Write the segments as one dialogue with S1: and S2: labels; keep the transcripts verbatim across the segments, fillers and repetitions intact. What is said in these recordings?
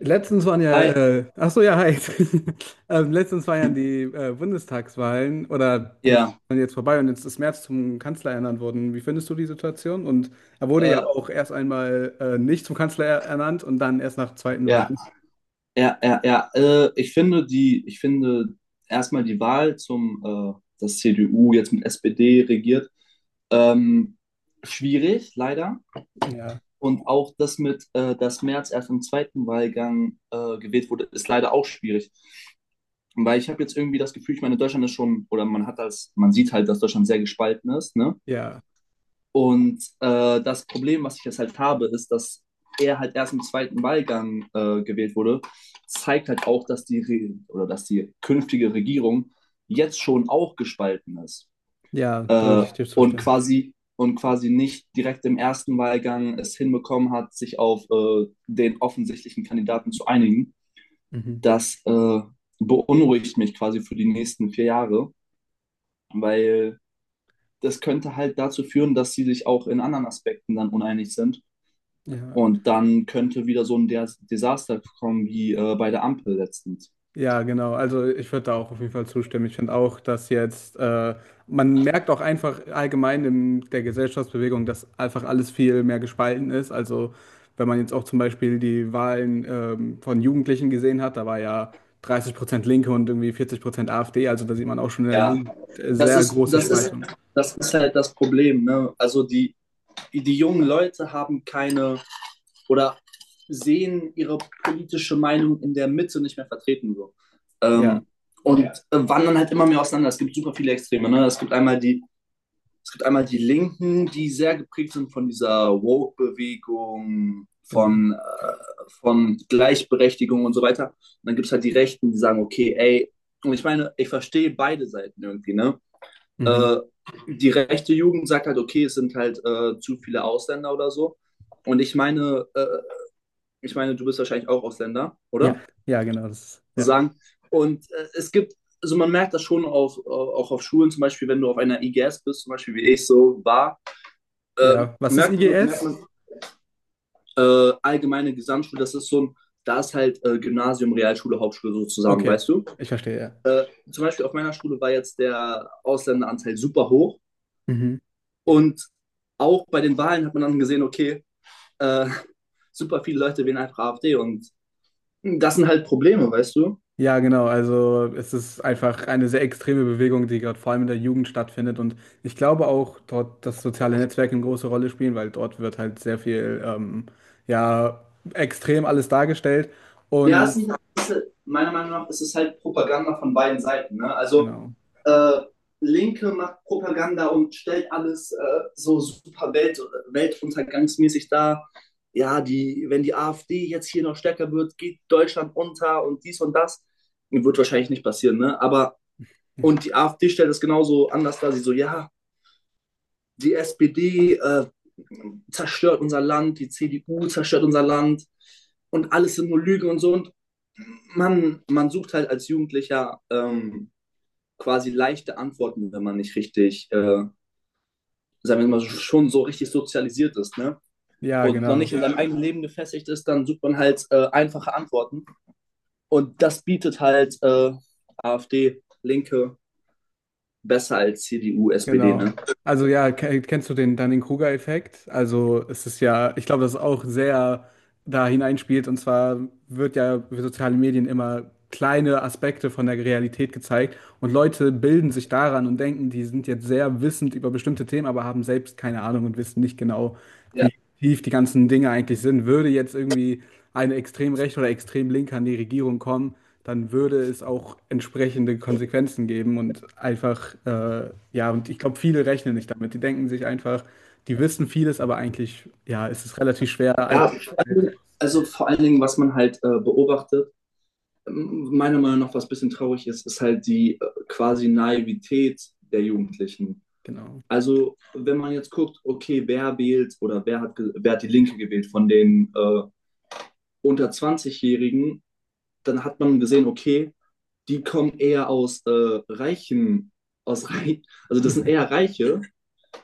S1: Letztens waren ja,
S2: Hi,
S1: äh, ach so, ja, hi. Ähm, letztens waren ja die äh, Bundestagswahlen oder die
S2: ja,
S1: waren jetzt vorbei und jetzt ist Merz zum Kanzler ernannt worden. Wie findest du die Situation? Und er wurde ja
S2: äh,
S1: auch erst einmal äh, nicht zum Kanzler ernannt und dann erst nach zweiten
S2: ja,
S1: Wahlen.
S2: ja, ja, ja. Äh, ich finde die, ich finde erstmal die Wahl zum, äh, dass C D U jetzt mit S P D regiert, ähm, schwierig, leider.
S1: Ja,
S2: Und auch das mit, äh, dass Merz erst im zweiten Wahlgang äh, gewählt wurde, ist leider auch schwierig. Weil ich habe jetzt irgendwie das Gefühl, ich meine, Deutschland ist schon, oder man hat das, man sieht halt, dass Deutschland sehr gespalten ist, ne?
S1: ja,
S2: Und äh, das Problem, was ich jetzt halt habe, ist, dass er halt erst im zweiten Wahlgang äh, gewählt wurde, zeigt halt auch, dass die, Re oder dass die künftige Regierung jetzt schon auch gespalten ist
S1: ja, da
S2: äh,
S1: würde ich dir
S2: und,
S1: zustimmen.
S2: quasi, und quasi nicht direkt im ersten Wahlgang es hinbekommen hat, sich auf äh, den offensichtlichen Kandidaten zu einigen.
S1: Mhm.
S2: Das äh, beunruhigt mich quasi für die nächsten vier Jahre, weil das könnte halt dazu führen, dass sie sich auch in anderen Aspekten dann uneinig sind.
S1: Ja.
S2: Und dann könnte wieder so ein Des- Desaster kommen wie äh, bei der Ampel letztens.
S1: Ja, genau. Also ich würde da auch auf jeden Fall zustimmen. Ich finde auch, dass jetzt, äh, man merkt auch einfach allgemein in der Gesellschaftsbewegung, dass einfach alles viel mehr gespalten ist. Also wenn man jetzt auch zum Beispiel die Wahlen ähm, von Jugendlichen gesehen hat, da war ja dreißig Prozent Linke und irgendwie vierzig Prozent A f D. Also da sieht man auch schon in der
S2: Ja.
S1: Jugend äh,
S2: Das
S1: sehr
S2: ist,
S1: große
S2: das ist,
S1: Spaltung.
S2: das ist halt das Problem, ne? Also die, die jungen Leute haben keine oder sehen ihre politische Meinung in der Mitte nicht mehr vertreten so.
S1: Ja,
S2: Ähm, und äh, wandern halt immer mehr auseinander. Es gibt super viele Extreme, ne? Es gibt einmal die Es gibt einmal die Linken, die sehr geprägt sind von dieser Woke-Bewegung,
S1: genau.
S2: von, äh, von Gleichberechtigung und so weiter. Und dann gibt es halt die Rechten, die sagen, okay, ey. Und ich meine, ich verstehe beide Seiten irgendwie, ne? Äh,
S1: Mhm.
S2: die rechte Jugend sagt halt, okay, es sind halt äh, zu viele Ausländer oder so. Und ich meine, äh, ich meine, du bist wahrscheinlich auch Ausländer,
S1: Ja,
S2: oder?
S1: ja, genau. Das ist, ja.
S2: Sagen. Und äh, es gibt also man merkt das schon auf, äh, auch auf Schulen, zum Beispiel, wenn du auf einer I G S bist, zum Beispiel wie ich so war, ähm,
S1: Ja, was ist
S2: merkt man, merkt
S1: I G S?
S2: man äh, allgemeine Gesamtschule, das ist so ein, da ist halt äh, Gymnasium, Realschule, Hauptschule so zusammen,
S1: Okay,
S2: weißt du?
S1: ich verstehe, ja.
S2: Äh, zum Beispiel auf meiner Schule war jetzt der Ausländeranteil super hoch
S1: Mhm.
S2: und auch bei den Wahlen hat man dann gesehen, okay, äh, super viele Leute wählen einfach AfD und das sind halt Probleme, weißt du?
S1: Ja, genau. Also es ist einfach eine sehr extreme Bewegung, die gerade vor allem in der Jugend stattfindet. Und ich glaube auch dort, dass soziale Netzwerke eine große Rolle spielen, weil dort wird halt sehr viel, ähm, ja, extrem alles dargestellt.
S2: Ja, es
S1: Und
S2: sind, meiner Meinung nach ist es halt Propaganda von beiden Seiten. Ne? Also
S1: genau.
S2: äh, Linke macht Propaganda und stellt alles äh, so super Welt, weltuntergangsmäßig dar. Ja, die, wenn die AfD jetzt hier noch stärker wird, geht Deutschland unter und dies und das. Wird wahrscheinlich nicht passieren, ne? Aber, und die AfD stellt es genauso anders dar. Sie so, ja, die S P D äh, zerstört unser Land, die C D U zerstört unser Land und alles sind nur Lügen und so. Und man, man sucht halt als Jugendlicher ähm, quasi leichte Antworten, wenn man nicht richtig äh, sagen wir mal, schon so richtig sozialisiert ist, ne?
S1: Ja,
S2: Und noch nicht
S1: genau,
S2: in seinem eigenen Leben gefestigt ist, dann sucht man halt äh, einfache Antworten. Und das bietet halt äh, AfD, Linke besser als C D U, S P D, ne?
S1: genau. Also ja, ke- kennst du den Dunning-Kruger-Effekt? Also es ist ja, ich glaube, das ist auch sehr da hineinspielt. Und zwar wird ja über soziale Medien immer kleine Aspekte von der Realität gezeigt und Leute bilden sich daran und denken, die sind jetzt sehr wissend über bestimmte Themen, aber haben selbst keine Ahnung und wissen nicht genau,
S2: Ja.
S1: wie tief die ganzen Dinge eigentlich sind. Würde jetzt irgendwie eine extrem rechte oder extrem linke an die Regierung kommen, dann würde es auch entsprechende Konsequenzen geben und einfach, äh, ja, und ich glaube, viele rechnen nicht damit. Die denken sich einfach, die wissen vieles, aber eigentlich, ja, ist es relativ schwer. Ein-
S2: Ja, also vor allen Dingen, was man halt äh, beobachtet, meiner Meinung nach, was ein bisschen traurig ist, ist halt die äh, quasi Naivität der Jugendlichen.
S1: Genau.
S2: Also, wenn man jetzt guckt, okay, wer wählt oder wer hat, wer hat die Linke gewählt von den äh, unter zwanzig-Jährigen, dann hat man gesehen, okay, die kommen eher aus äh, reichen, aus reich, also das sind eher Reiche,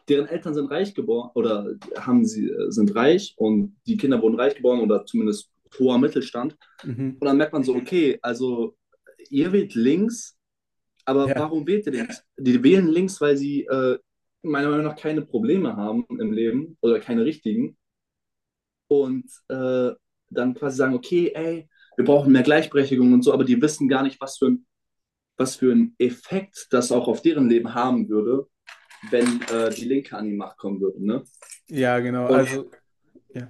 S2: deren Eltern sind reich geboren oder haben sie äh, sind reich und die Kinder wurden reich geboren oder zumindest hoher Mittelstand.
S1: Mhm.
S2: Und dann merkt man so, okay, also ihr wählt links, aber
S1: Ja,
S2: warum wählt ihr links? Die wählen links, weil sie äh, meiner Meinung nach keine Probleme haben im Leben oder keine richtigen und äh, dann quasi sagen, okay, ey, wir brauchen mehr Gleichberechtigung und so, aber die wissen gar nicht, was für ein was für einen Effekt das auch auf deren Leben haben würde, wenn äh, die Linke an die Macht kommen würde. Ne?
S1: ja, genau.
S2: Und
S1: Also, ja.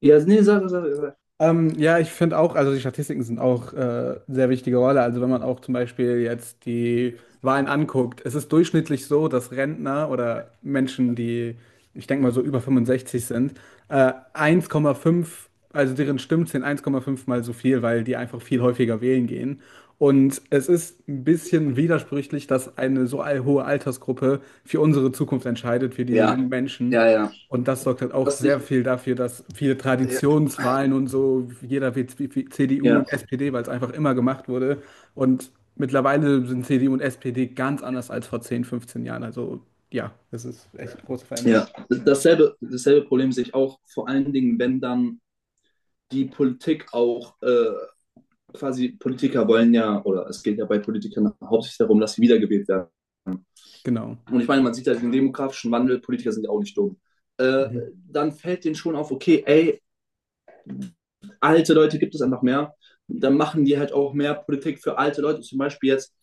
S2: ja, nee, sag, sag, sag.
S1: Ähm, ja, ich finde auch, also die Statistiken sind auch äh, sehr wichtige Rolle. Also, wenn man auch zum Beispiel jetzt die Wahlen anguckt, es ist durchschnittlich so, dass Rentner oder Menschen, die, ich denke mal, so über fünfundsechzig sind, äh, eins Komma fünf, also deren Stimmen sind eins Komma fünf mal so viel, weil die einfach viel häufiger wählen gehen. Und es ist ein bisschen widersprüchlich, dass eine so all- hohe Altersgruppe für unsere Zukunft entscheidet, für die
S2: Ja,
S1: jungen Menschen.
S2: ja, ja.
S1: Und das sorgt halt auch
S2: Das
S1: sehr
S2: nicht,
S1: viel dafür, dass viele
S2: ja,
S1: Traditionswahlen und so, jeder wird C D U
S2: ja.
S1: und S P D, weil es einfach immer gemacht wurde. Und mittlerweile sind C D U und S P D ganz anders als vor zehn, fünfzehn Jahren. Also ja, das ist echt große Veränderung.
S2: Ja. Dasselbe, dasselbe Problem sehe ich auch, vor allen Dingen, wenn dann die Politik auch äh, quasi Politiker wollen ja, oder es geht ja bei Politikern hauptsächlich darum, dass sie wiedergewählt werden.
S1: Genau.
S2: Und ich meine, man sieht ja den demografischen Wandel, Politiker sind ja auch nicht dumm. Äh,
S1: Mhm.
S2: dann fällt denen schon auf, okay, ey, alte Leute gibt es einfach mehr. Dann machen die halt auch mehr Politik für alte Leute. Zum Beispiel jetzt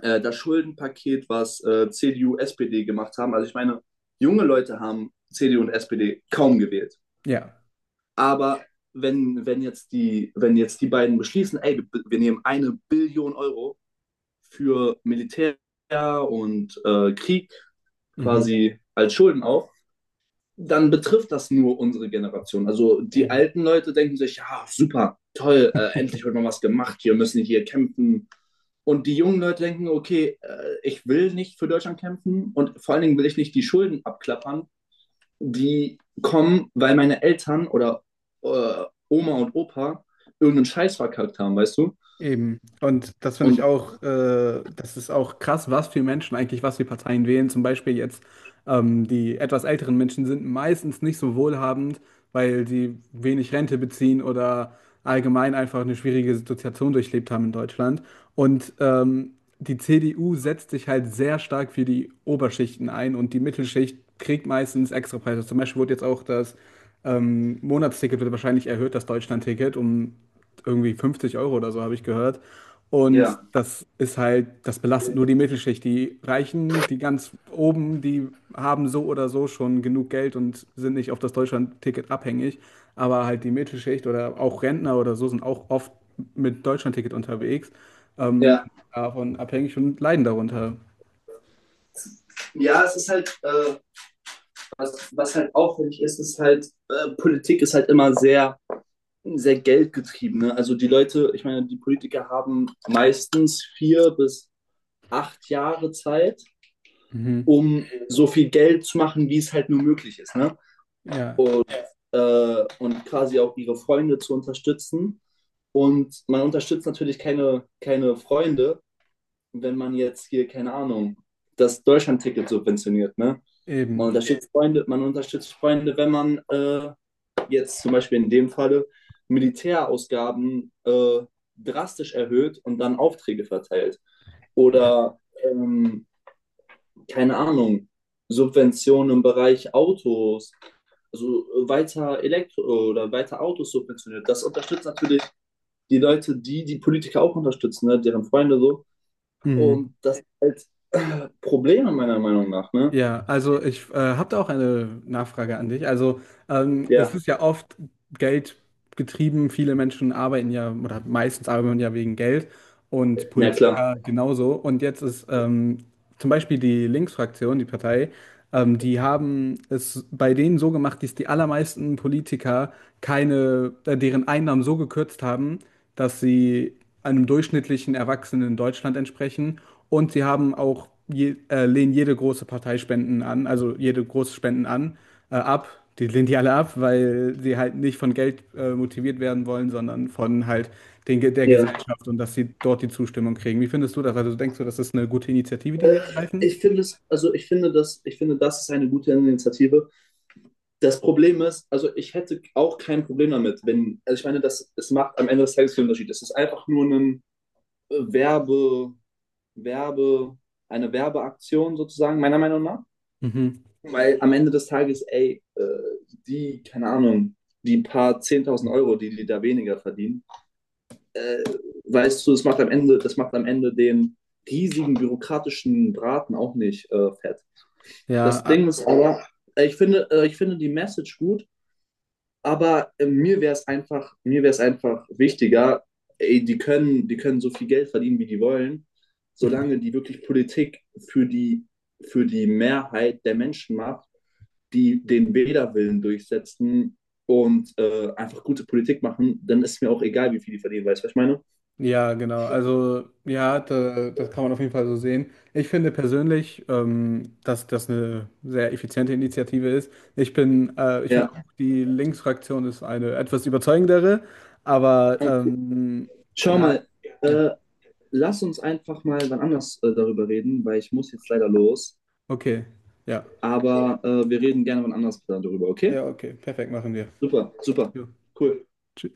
S2: äh, das Schuldenpaket, was äh, C D U, S P D gemacht haben. Also ich meine, junge Leute haben C D U und S P D kaum gewählt.
S1: Ja.
S2: Aber wenn, wenn, jetzt, die, wenn jetzt die beiden beschließen, ey, wir, wir nehmen eine Billion Euro für Militär und äh, Krieg
S1: Mhm.
S2: quasi als Schulden auf, dann betrifft das nur unsere Generation. Also die
S1: Eben.
S2: alten Leute denken sich, ja, super, toll, äh, endlich wird mal was gemacht, wir müssen hier kämpfen. Und die jungen Leute denken, okay, äh, ich will nicht für Deutschland kämpfen und vor allen Dingen will ich nicht die Schulden abklappern, die kommen, weil meine Eltern oder äh, Oma und Opa irgendeinen Scheiß verkackt haben, weißt du?
S1: Eben. Und das finde ich
S2: Und
S1: auch, äh, das ist auch krass, was für Menschen eigentlich, was für Parteien wählen. Zum Beispiel jetzt ähm, die etwas älteren Menschen sind meistens nicht so wohlhabend, weil sie wenig Rente beziehen oder allgemein einfach eine schwierige Situation durchlebt haben in Deutschland. Und ähm, die C D U setzt sich halt sehr stark für die Oberschichten ein und die Mittelschicht kriegt meistens extra Preise. Zum Beispiel wurde jetzt auch das ähm, Monatsticket wird wahrscheinlich erhöht, das Deutschlandticket, um irgendwie 50 Euro oder so, habe ich gehört. Und
S2: ja.
S1: das ist halt, das belastet nur die Mittelschicht. Die Reichen, die ganz oben, die haben so oder so schon genug Geld und sind nicht auf das Deutschlandticket abhängig. Aber halt die Mittelschicht oder auch Rentner oder so sind auch oft mit Deutschlandticket unterwegs, ähm,
S2: Ja.
S1: davon abhängig und leiden darunter.
S2: Ja, es ist halt, äh, was, was halt auffällig ist, ist halt, äh, Politik ist halt immer sehr sehr geldgetriebene. Also die Leute, ich meine, die Politiker haben meistens vier bis acht Jahre Zeit,
S1: Mhm.
S2: um so viel Geld zu machen, wie es halt nur möglich ist. Ne?
S1: Ja,
S2: Und, äh, und quasi auch ihre Freunde zu unterstützen. Und man unterstützt natürlich keine, keine Freunde, wenn man jetzt hier, keine Ahnung, das Deutschland-Ticket subventioniert. Ne? Man
S1: eben.
S2: unterstützt Freunde, man unterstützt Freunde, wenn man äh, jetzt zum Beispiel in dem Falle Militärausgaben äh, drastisch erhöht und dann Aufträge verteilt.
S1: Ja.
S2: Oder ähm, keine Ahnung, Subventionen im Bereich Autos, also äh, weiter Elektro oder weiter Autos subventioniert. Das unterstützt natürlich die Leute, die die Politiker auch unterstützen, ne? Deren Freunde so.
S1: Mhm.
S2: Und das ist halt äh, Probleme meiner Meinung nach. Ne?
S1: Ja, also ich äh, habe da auch eine Nachfrage an dich. Also ähm, es
S2: Ja,
S1: ist ja oft Geld getrieben. Viele Menschen arbeiten ja oder meistens arbeiten ja wegen Geld und
S2: na klar.
S1: Politiker genauso. Und jetzt ist ähm, zum Beispiel die Linksfraktion, die Partei, ähm, die haben es bei denen so gemacht, dass die allermeisten Politiker keine, äh, deren Einnahmen so gekürzt haben, dass sie einem durchschnittlichen Erwachsenen in Deutschland entsprechen. Und sie haben auch je, äh, lehnen jede große Partei Spenden an, also jede große Spenden an, äh, ab. Die lehnt die alle ab, weil sie halt nicht von Geld äh, motiviert werden wollen, sondern von halt den, Ge- der
S2: Ja.
S1: Gesellschaft und dass sie dort die Zustimmung kriegen. Wie findest du das? Also denkst du, das ist eine gute Initiative, die
S2: Äh,
S1: sie ergreifen?
S2: ich finde es, also ich finde das, ich finde, das ist eine gute Initiative. Das Problem ist, also ich hätte auch kein Problem damit, wenn, also ich meine, das, es macht am Ende des Tages keinen Unterschied. Es ist einfach nur ein äh, Werbe, Werbe, eine Werbeaktion sozusagen, meiner Meinung nach.
S1: Mhm.
S2: Weil am Ende des Tages, ey, äh, die, keine Ahnung, die paar Zehntausend Euro, die die da weniger verdienen, äh, weißt du, das macht am Ende, das macht am Ende den riesigen bürokratischen Braten auch nicht äh, fett.
S1: Ja,
S2: Das Ding
S1: ah,
S2: ist aber, äh, ich finde, äh, ich finde die Message gut. Aber äh, mir wäre es einfach, mir wäre es einfach wichtiger, ey, die können, die können so viel Geld verdienen, wie die wollen, solange die wirklich Politik für die, für die Mehrheit der Menschen macht, die den Wählerwillen durchsetzen und äh, einfach gute Politik machen, dann ist mir auch egal, wie viel die verdienen, weißt du, was ich meine?
S1: ja, genau. Also ja, da, das kann man auf jeden Fall so sehen. Ich finde persönlich, ähm, dass das eine sehr effiziente Initiative ist. Ich bin, äh, ich finde
S2: Ja.
S1: auch, die Linksfraktion ist eine etwas überzeugendere, aber
S2: Okay.
S1: ähm,
S2: Schau
S1: ja,
S2: mal,
S1: ja,
S2: äh, lass uns einfach mal wann anders äh, darüber reden, weil ich muss jetzt leider los.
S1: okay. Ja.
S2: Aber äh, wir reden gerne wann anders darüber, okay?
S1: Ja, okay, perfekt, machen wir.
S2: Super, super,
S1: Jo,
S2: cool.
S1: tschüss.